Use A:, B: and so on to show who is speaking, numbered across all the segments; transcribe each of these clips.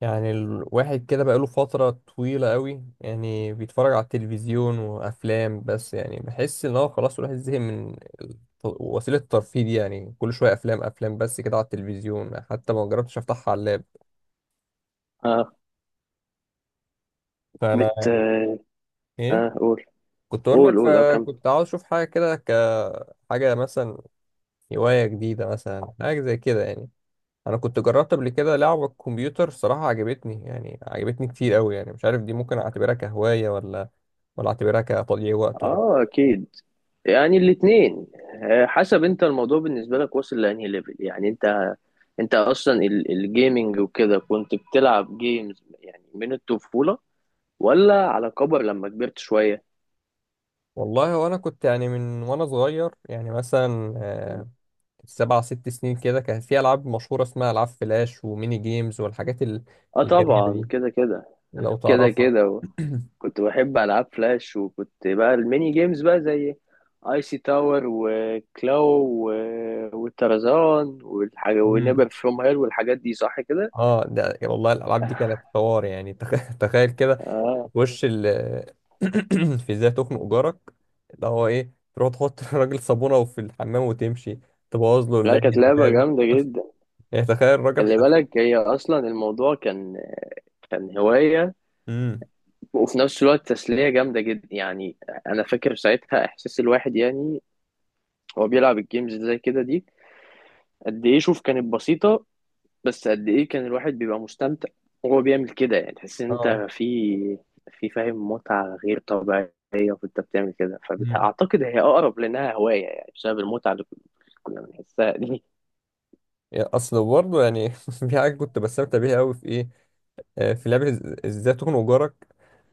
A: يعني الواحد كده بقاله فترة طويلة قوي يعني بيتفرج على التلفزيون وأفلام بس يعني بحس إن هو خلاص الواحد زهق من الت- وسيلة الترفيه دي، يعني كل شوية أفلام أفلام بس كده على التلفزيون، حتى ما جربتش أفتحها على اللاب.
B: اه
A: فأنا
B: بت اه
A: إيه
B: آه، قول
A: كنت أقول
B: قول
A: لك،
B: قول اه كمل.
A: فكنت عاوز أشوف حاجة كده، كحاجة مثلا هواية جديدة، مثلا حاجة زي كده يعني. أنا كنت جربت قبل كده لعبة كمبيوتر، صراحة عجبتني، يعني عجبتني كتير قوي، يعني مش عارف دي ممكن أعتبرها كهواية ولا أعتبرها كتضييع وقت ولا.
B: اه اكيد، يعني الاثنين. حسب انت الموضوع بالنسبه لك واصل لانهي ليفل، يعني انت اصلا الجيمنج وكده كنت بتلعب جيمز يعني من الطفوله، ولا على كبر لما كبرت شويه؟
A: والله وانا كنت يعني من وانا صغير، يعني مثلا سبع ست سنين كده، كان في العاب مشهوره اسمها العاب فلاش وميني جيمز والحاجات
B: اه
A: الجميله
B: طبعا،
A: دي،
B: كده كده،
A: لو
B: كده
A: تعرفها.
B: كده. كنت بحب العاب فلاش، وكنت بقى الميني جيمز بقى زي اي سي تاور وكلاو والترزان والحاجه
A: مم.
B: ونيبر فروم هيل والحاجات دي، صح كده.
A: اه ده والله الالعاب دي كانت حوار، يعني تخيل كده.
B: اه،
A: تخش ال في ازاي تخنق جارك، اللي هو ايه، تروح تحط الراجل صابونه وفي الحمام وتمشي، تبوظ له
B: لا
A: العيد
B: كانت لعبه
A: الميلاد،
B: جامده جدا.
A: يعني تخيل الراجل
B: خلي
A: حزين.
B: بالك هي اصلا الموضوع كان هوايه،
A: امم.
B: وفي نفس الوقت تسليه جامده جدا يعني. انا فاكر ساعتها احساس الواحد يعني، هو بيلعب الجيمز زي كده دي قد ايه، شوف كانت بسيطه، بس قد ايه كان الواحد بيبقى مستمتع وهو بيعمل كده. يعني تحس ان
A: اه.
B: انت في فاهم، متعة غير طبيعية وانت بتعمل كده.
A: مم.
B: فاعتقد هي اقرب لانها هواية، يعني بسبب المتعة اللي كنا بنحسها دي.
A: يعني اصل برضه يعني في حاجه كنت بستمتع بيها قوي، في ايه، في لعبه ازاي تخنق جارك،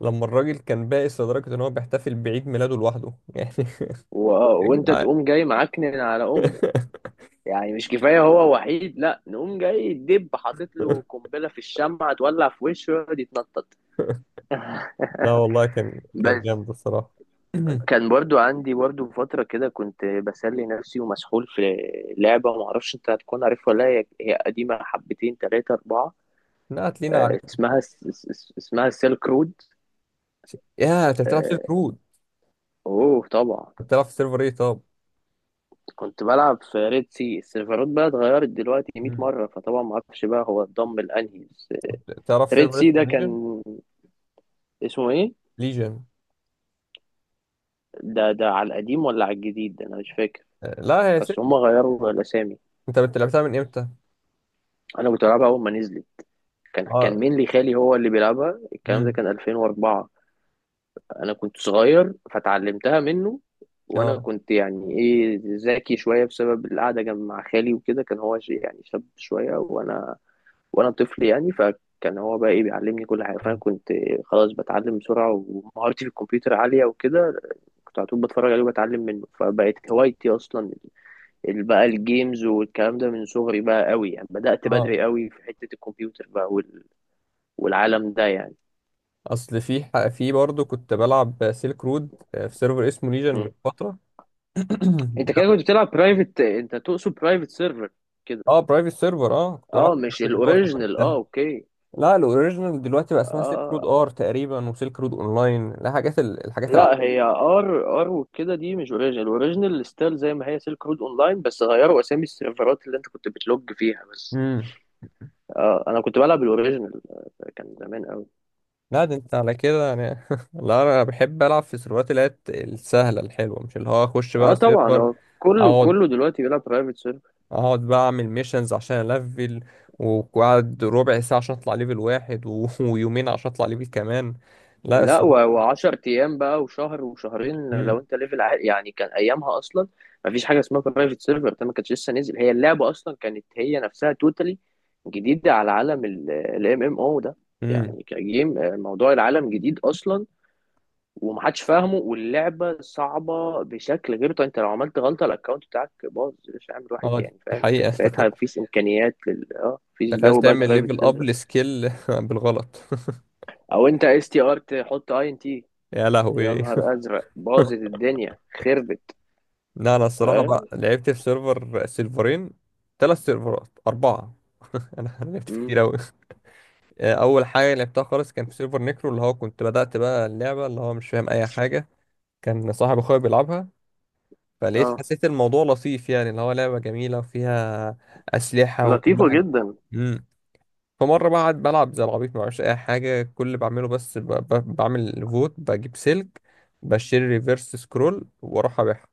A: لما الراجل كان بائس لدرجه ان هو بيحتفل بعيد ميلاده لوحده يعني.
B: و...
A: يا
B: وانت
A: جدعان.
B: تقوم جاي معكنن على امه، يعني مش كفاية هو وحيد، لا نقوم جاي دب حاطط له قنبلة في الشمعة تولع في وشه ويقعد يتنطط.
A: لا والله كان
B: بس
A: جامد الصراحه.
B: كان برضو عندي برضو فترة كده كنت بسلي نفسي ومسحول في لعبة، معرفش انت هتكون عارفها ولا لا، هي قديمة حبتين تلاتة أربعة،
A: نقت لينا عليك،
B: اسمها اسمها سيلك رود.
A: يا انت بتلعب سيلك
B: آه،
A: رود؟
B: اوه طبعا.
A: بتلعب في سيرفر ايه طب؟
B: كنت بلعب في ريد سي، السيرفرات بقى اتغيرت دلوقتي 100
A: مم.
B: مرة، فطبعا معرفش بقى هو اتضم لأنهي، بس.
A: تعرف
B: ريد
A: سيرفر
B: سي ده
A: اسمه ليجن؟
B: كان اسمه ايه؟
A: ليجن.
B: ده على القديم ولا على الجديد؟ ده انا مش فاكر،
A: لا هي
B: بس
A: سيلك.
B: هما غيروا الأسامي.
A: انت لعبتها من امتى؟
B: انا كنت بلعبها أول ما نزلت، كان
A: اه.
B: كان مين لي خالي هو اللي بيلعبها. الكلام ده
A: امم.
B: كان 2004، انا كنت صغير فتعلمتها منه. وانا
A: اه،
B: كنت يعني ايه ذكي شويه بسبب القعده جنب مع خالي وكده، كان هو يعني شاب شويه، وانا طفل يعني، فكان هو بقى ايه بيعلمني كل حاجه. فانا كنت خلاص بتعلم بسرعه ومهارتي في الكمبيوتر عاليه وكده، كنت على طول بتفرج عليه وبتعلم منه، فبقت هوايتي اصلا بقى الجيمز والكلام ده من صغري بقى. قوي يعني بدأت
A: اه،
B: بدري قوي في حته الكمبيوتر بقى، والعالم ده يعني.
A: اصل في برضه كنت بلعب سيلك رود في سيرفر اسمه ليجن من
B: مم.
A: فتره.
B: انت كده كنت بتلعب برايفت انت تقصد برايفت سيرفر كده؟
A: اه برايفت سيرفر، اه كنت بلعب
B: اه
A: في
B: مش
A: private خلاص
B: الاوريجينال، اه
A: وقتها.
B: اوكي.
A: لا الاوريجينال دلوقتي بقى
B: اه
A: اسمها سيلك رود
B: اه.
A: ار تقريبا، وسيلك رود اونلاين، لا حاجات الحاجات
B: لا هي ار، ار وكده دي مش اوريجينال، الاوريجينال ستايل زي ما هي سيلك رود اونلاين، بس غيروا اسامي السيرفرات اللي انت كنت بتلوج فيها بس.
A: امم.
B: اه انا كنت بلعب الاوريجينال، كان زمان قوي.
A: لا ده انت على كده يعني لا انا بحب العب في السيرفرات اللي هي السهله الحلوه، مش اللي هو اخش
B: اه
A: بقى
B: طبعا،
A: سيرفر،
B: هو كله
A: اقعد،
B: كله دلوقتي بيلعب برايفت سيرفر.
A: اقعد بقى اعمل ميشنز عشان الفل، وقعد ربع ساعة عشان اطلع ليفل واحد ويومين عشان اطلع ليفل كمان. لا اس...
B: لا وعشر ايام بقى وشهر وشهرين لو
A: مم.
B: انت ليفل عالي يعني، كان ايامها اصلا ما فيش حاجه اسمها برايفت سيرفر، ده ما كانش لسه نزل. هي اللعبه اصلا كانت هي نفسها توتالي جديده على عالم الام ام او ده،
A: مم.
B: يعني كجيم آه، موضوع العالم جديد اصلا ومحدش فاهمه، واللعبه صعبه بشكل غير طبيعي. انت لو عملت غلطه الاكونت بتاعك باظ، مش عامل واحد
A: اه
B: يعني،
A: دي
B: فاهم. كان
A: حقيقة
B: ساعتها مفيش امكانيات لل اه، مفيش
A: تخيل
B: جو بقى
A: تعمل
B: البرايفت
A: ليفل اب
B: سيرفر.
A: لسكيل بالغلط.
B: او انت اس تي ار تحط اي ان تي،
A: يا
B: يا
A: لهوي.
B: نهار ازرق باظت الدنيا، خربت.
A: لا انا الصراحة بقى
B: فاهم.
A: لعبت في سيرفر، سيرفرين، ثلاث سيرفرات، اربعة انا لعبت في
B: مم.
A: كتير اوي. آه، اول حاجة لعبتها خالص كان في سيرفر نيكرو، اللي هو كنت بدأت بقى اللعبة اللي هو مش فاهم اي حاجة، كان صاحب اخويا بيلعبها، فلقيت
B: اه،
A: حسيت الموضوع لطيف يعني، اللي هو لعبة جميلة وفيها أسلحة وكل
B: لطيفه
A: حاجة.
B: جدا.
A: مم. فمرة بقعد بلعب زي العبيط معرفش أي حاجة، كل اللي بعمله بس بعمل فوت، بجيب سلك، بشتري ريفرس سكرول وأروح أبيعها.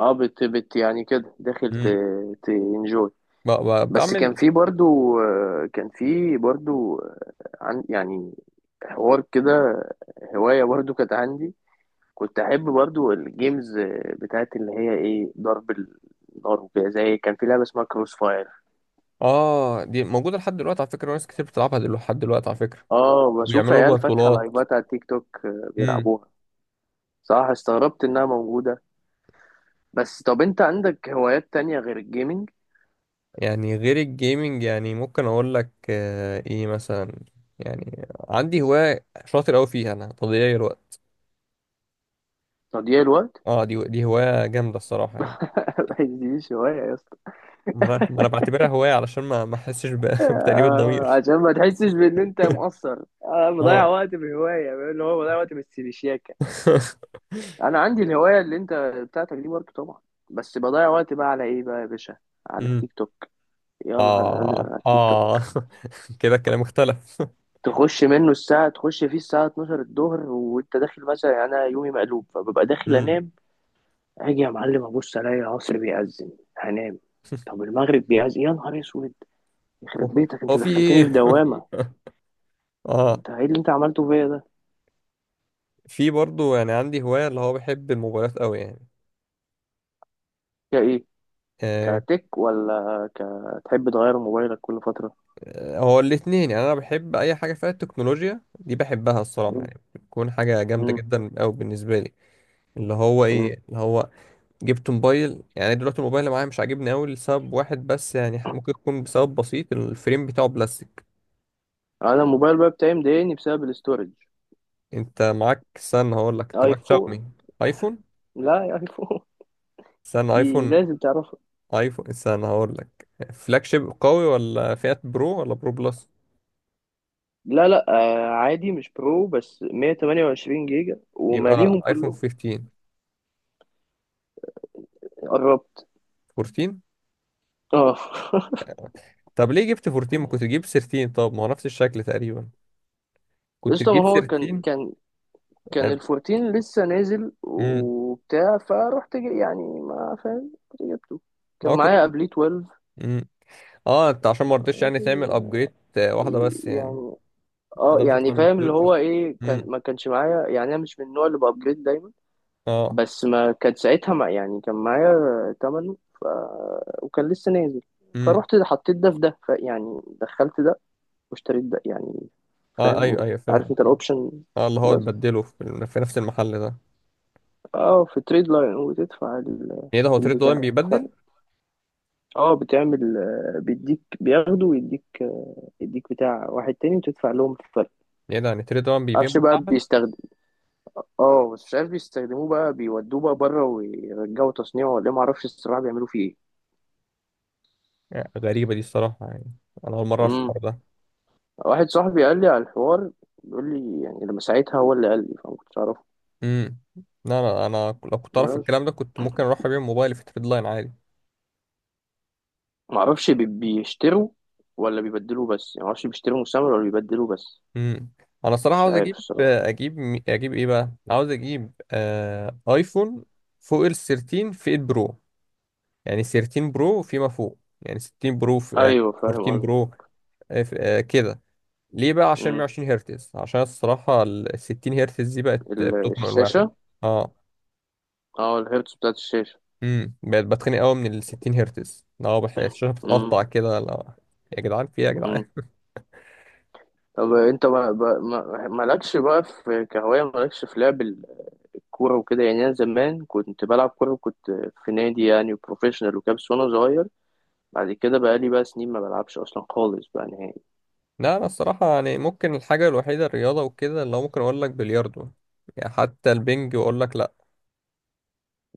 B: اه بت يعني كده داخل
A: مم.
B: تنجوي. بس كان
A: بعمل.
B: في برضو كان في برضو آه، عن يعني حوار كده، هوايه برضو كانت عندي. كنت احب برضو الجيمز آه، بتاعت اللي هي ايه ضرب النار وكده، زي كان في لعبه اسمها كروس فاير.
A: آه دي موجودة لحد دلوقتي على فكرة، ناس كتير بتلعبها لحد دلوقتي على فكرة،
B: اه بشوف
A: وبيعملوا لها
B: عيال فاتحه
A: بطولات.
B: لايفات على تيك توك
A: مم.
B: بيلعبوها. صح، استغربت انها موجوده. بس طب انت عندك هوايات تانية غير الجيمنج؟
A: يعني غير الجيمنج، يعني ممكن أقول لك إيه، مثلا يعني عندي هواية شاطر أوي فيها أنا، تضييع الوقت.
B: تضييع الوقت؟
A: اه دي هواية جامدة الصراحة يعني.
B: دي هواية يا اسطى!
A: ما انا بعتبرها هواية علشان ما احسش بتأنيب الضمير.
B: عشان ما تحسش بان انت مقصر، انا بضيع
A: اه
B: وقت بهواية، اللي هو بضيع وقت بالسيبشياكة. انا عندي الهواية اللي انت بتاعتك دي برضه طبعا، بس بضيع وقت بقى على ايه بقى يا باشا؟ على
A: امم.
B: التيك توك. يا نهار ازرق،
A: اه،
B: على التيك توك.
A: اه كده الكلام اختلف.
B: تخش فيه الساعة 12 الظهر وانت داخل مثلا يعني، انا يومي مقلوب فببقى داخل
A: امم
B: انام. اجي يا معلم ابص الاقي العصر بيأذن، هنام. طب المغرب بيأذن، يا نهار اسود، يخرب
A: هو
B: بيتك انت
A: هو في
B: دخلتني في
A: ايه؟
B: دوامة.
A: اه.
B: انت ايه اللي انت عملته فيا ده؟
A: في برضو يعني عندي هواية، اللي هو بحب الموبايلات قوي يعني.
B: يا ايه،
A: آه،
B: كتك ولا كتحب تغير موبايلك كل فترة؟
A: هو الاتنين، يعني انا بحب اي حاجة فيها التكنولوجيا دي، بحبها الصراحة
B: مم.
A: يعني، بتكون حاجة جامدة
B: مم.
A: جدا قوي بالنسبة لي. اللي هو
B: مم.
A: ايه اللي هو جبت موبايل يعني، دلوقتي الموبايل اللي معايا مش عاجبني قوي لسبب واحد بس يعني، ممكن يكون بسبب بسيط، الفريم بتاعه بلاستيك.
B: انا الموبايل بقى بتاعي مضايقني بسبب الاستورج.
A: انت معاك، استنى هقول لك، انت معاك
B: ايفون.
A: شاومي؟ ايفون؟
B: لا يا ايفون.
A: استنى
B: دي
A: ايفون.
B: لازم تعرفها.
A: ايفون، استنى هقول لك. فلاج شيب قوي، ولا فئة برو، ولا برو بلس؟
B: لا لا، آه عادي مش برو، بس 128 جيجا
A: يبقى
B: وماليهم
A: ايفون
B: كلهم.
A: 15،
B: قربت.
A: 14.
B: اه.
A: طب ليه جبت 14، ما كنت تجيب 13؟ طب ما هو نفس الشكل تقريبا، كنت
B: قشطة،
A: تجيب
B: ما هو كان
A: 13.
B: كان كان الفورتين لسه نازل
A: امم.
B: وبتاع، فروحت يعني ما فاهم رحت جبته. كان
A: اه كنت.
B: معايا قبليه 12،
A: مم. اه انت عشان ما رضيتش يعني تعمل ابجريد واحده بس يعني؟
B: يعني. اه
A: ده مش هيطلع
B: يعني
A: من
B: فاهم، اللي
A: 12.
B: هو ايه، كان
A: امم.
B: ما كانش معايا يعني، انا مش من النوع اللي بابجريد دايما.
A: اه.
B: بس ما كان ساعتها ما يعني، كان معايا تمنه وكان لسه نازل،
A: امم.
B: فروحت حطيت ده في ده يعني دخلت ده واشتريت ده يعني.
A: اه
B: فاهم،
A: ايوه ايوه،
B: عارف
A: فاهم
B: انت
A: فاهم.
B: الاوبشن.
A: اه اللي هو
B: بس
A: تبدله في نفس المحل ده يعني؟
B: اه، في تريد لاين وتدفع
A: ايه ده، هو تريد وان
B: البتاع،
A: بيبدل
B: الفرق.
A: يعني؟
B: اه بتعمل آه، بيديك بياخده ويديك آه، يديك بتاع واحد تاني، وتدفع لهم الفرق.
A: ايه ده، يعني تريد وان بيبيع
B: معرفش بقى
A: مستعمل؟
B: بيستخدم، اه بس مش عارف بيستخدموه بقى، بيودوه بقى بره ويرجعوا تصنيعه ولا إيه، معرفش الصراحة بيعملوا فيه ايه.
A: آه، غريبه دي الصراحه يعني، انا اول مره اعرف
B: امم.
A: الحوار ده.
B: واحد صاحبي قال لي على الحوار، بيقول لي يعني لما ساعتها هو اللي قال لي، فما كنتش اعرفه.
A: امم. لا انا لو كنت اعرف
B: الناس
A: الكلام ده كنت ممكن اروح ابيع موبايلي في تريد لاين عادي.
B: معرفش بيشتروا ولا بيبدلوه بس، يعني معرفش بيشتروا مستعمل ولا بيبدلوه بس.
A: امم. انا الصراحه
B: مش
A: عاوز
B: عارف الصراحة.
A: اجيب ايه بقى، عاوز اجيب آه ايفون فوق ال 13 في البرو، يعني 13 برو فيما فوق، يعني 16 برو في آه
B: ايوه فاهم
A: 14
B: قصدي.
A: برو، كده. ليه بقى؟ عشان
B: امم.
A: 120 هرتز، عشان الصراحة ال 60 هرتز دي بقت بتخنق الواحد.
B: الشاشة.
A: اه.
B: اه الهيرتز بتاعت الشاشة.
A: امم، بقت بتخنق قوي من ال 60 هرتز، اه الشاشة
B: امم.
A: بتقطع كده لا. يا جدعان في إيه يا جدعان؟
B: طب انت مالكش بقى في كهواية، مالكش في لعب الكورة وكده يعني؟ انا زمان كنت بلعب كورة وكنت في نادي يعني بروفيشنال وكده، بس وانا صغير. بعد كده بقى لي بقى سنين ما بلعبش اصلا خالص بقى نهائي.
A: لا انا الصراحة يعني ممكن الحاجة الوحيدة، الرياضة وكده، اللي هو ممكن اقول لك بلياردو، يعني حتى البنج اقول لك لا.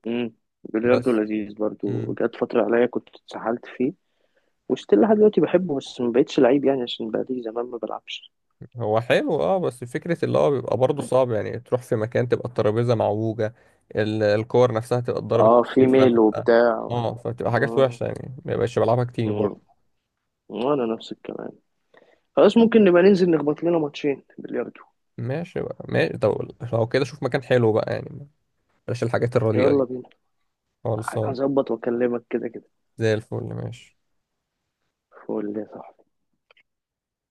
B: امم. بلياردو
A: بس.
B: لذيذ برضو،
A: امم.
B: جت فترة عليا كنت اتسحلت فيه، وستيل لحد دلوقتي بحبه، بس ما بقتش لعيب يعني عشان بقى لي زمان ما بلعبش.
A: هو حلو اه، بس فكرة اللي هو بيبقى برضه صعب، يعني تروح في مكان تبقى الترابيزة معوجة، الكور نفسها تبقى اتضربت
B: اه في
A: كتير،
B: ميل
A: فتبقى،
B: وبتاع.
A: اه فتبقى حاجات
B: امم.
A: وحشة، يعني ما بقاش بلعبها كتير
B: امم.
A: برضه.
B: وانا نفس الكلام، خلاص ممكن نبقى ننزل نخبط لنا ماتشين بلياردو.
A: ماشي بقى ماشي، طب لو كده شوف مكان حلو بقى يعني، بلاش الحاجات الرديئة
B: يلا
A: دي.
B: بينا.
A: خلصان.
B: هظبط واكلمك كده كده.
A: زي الفل ماشي.
B: فقول لي صح.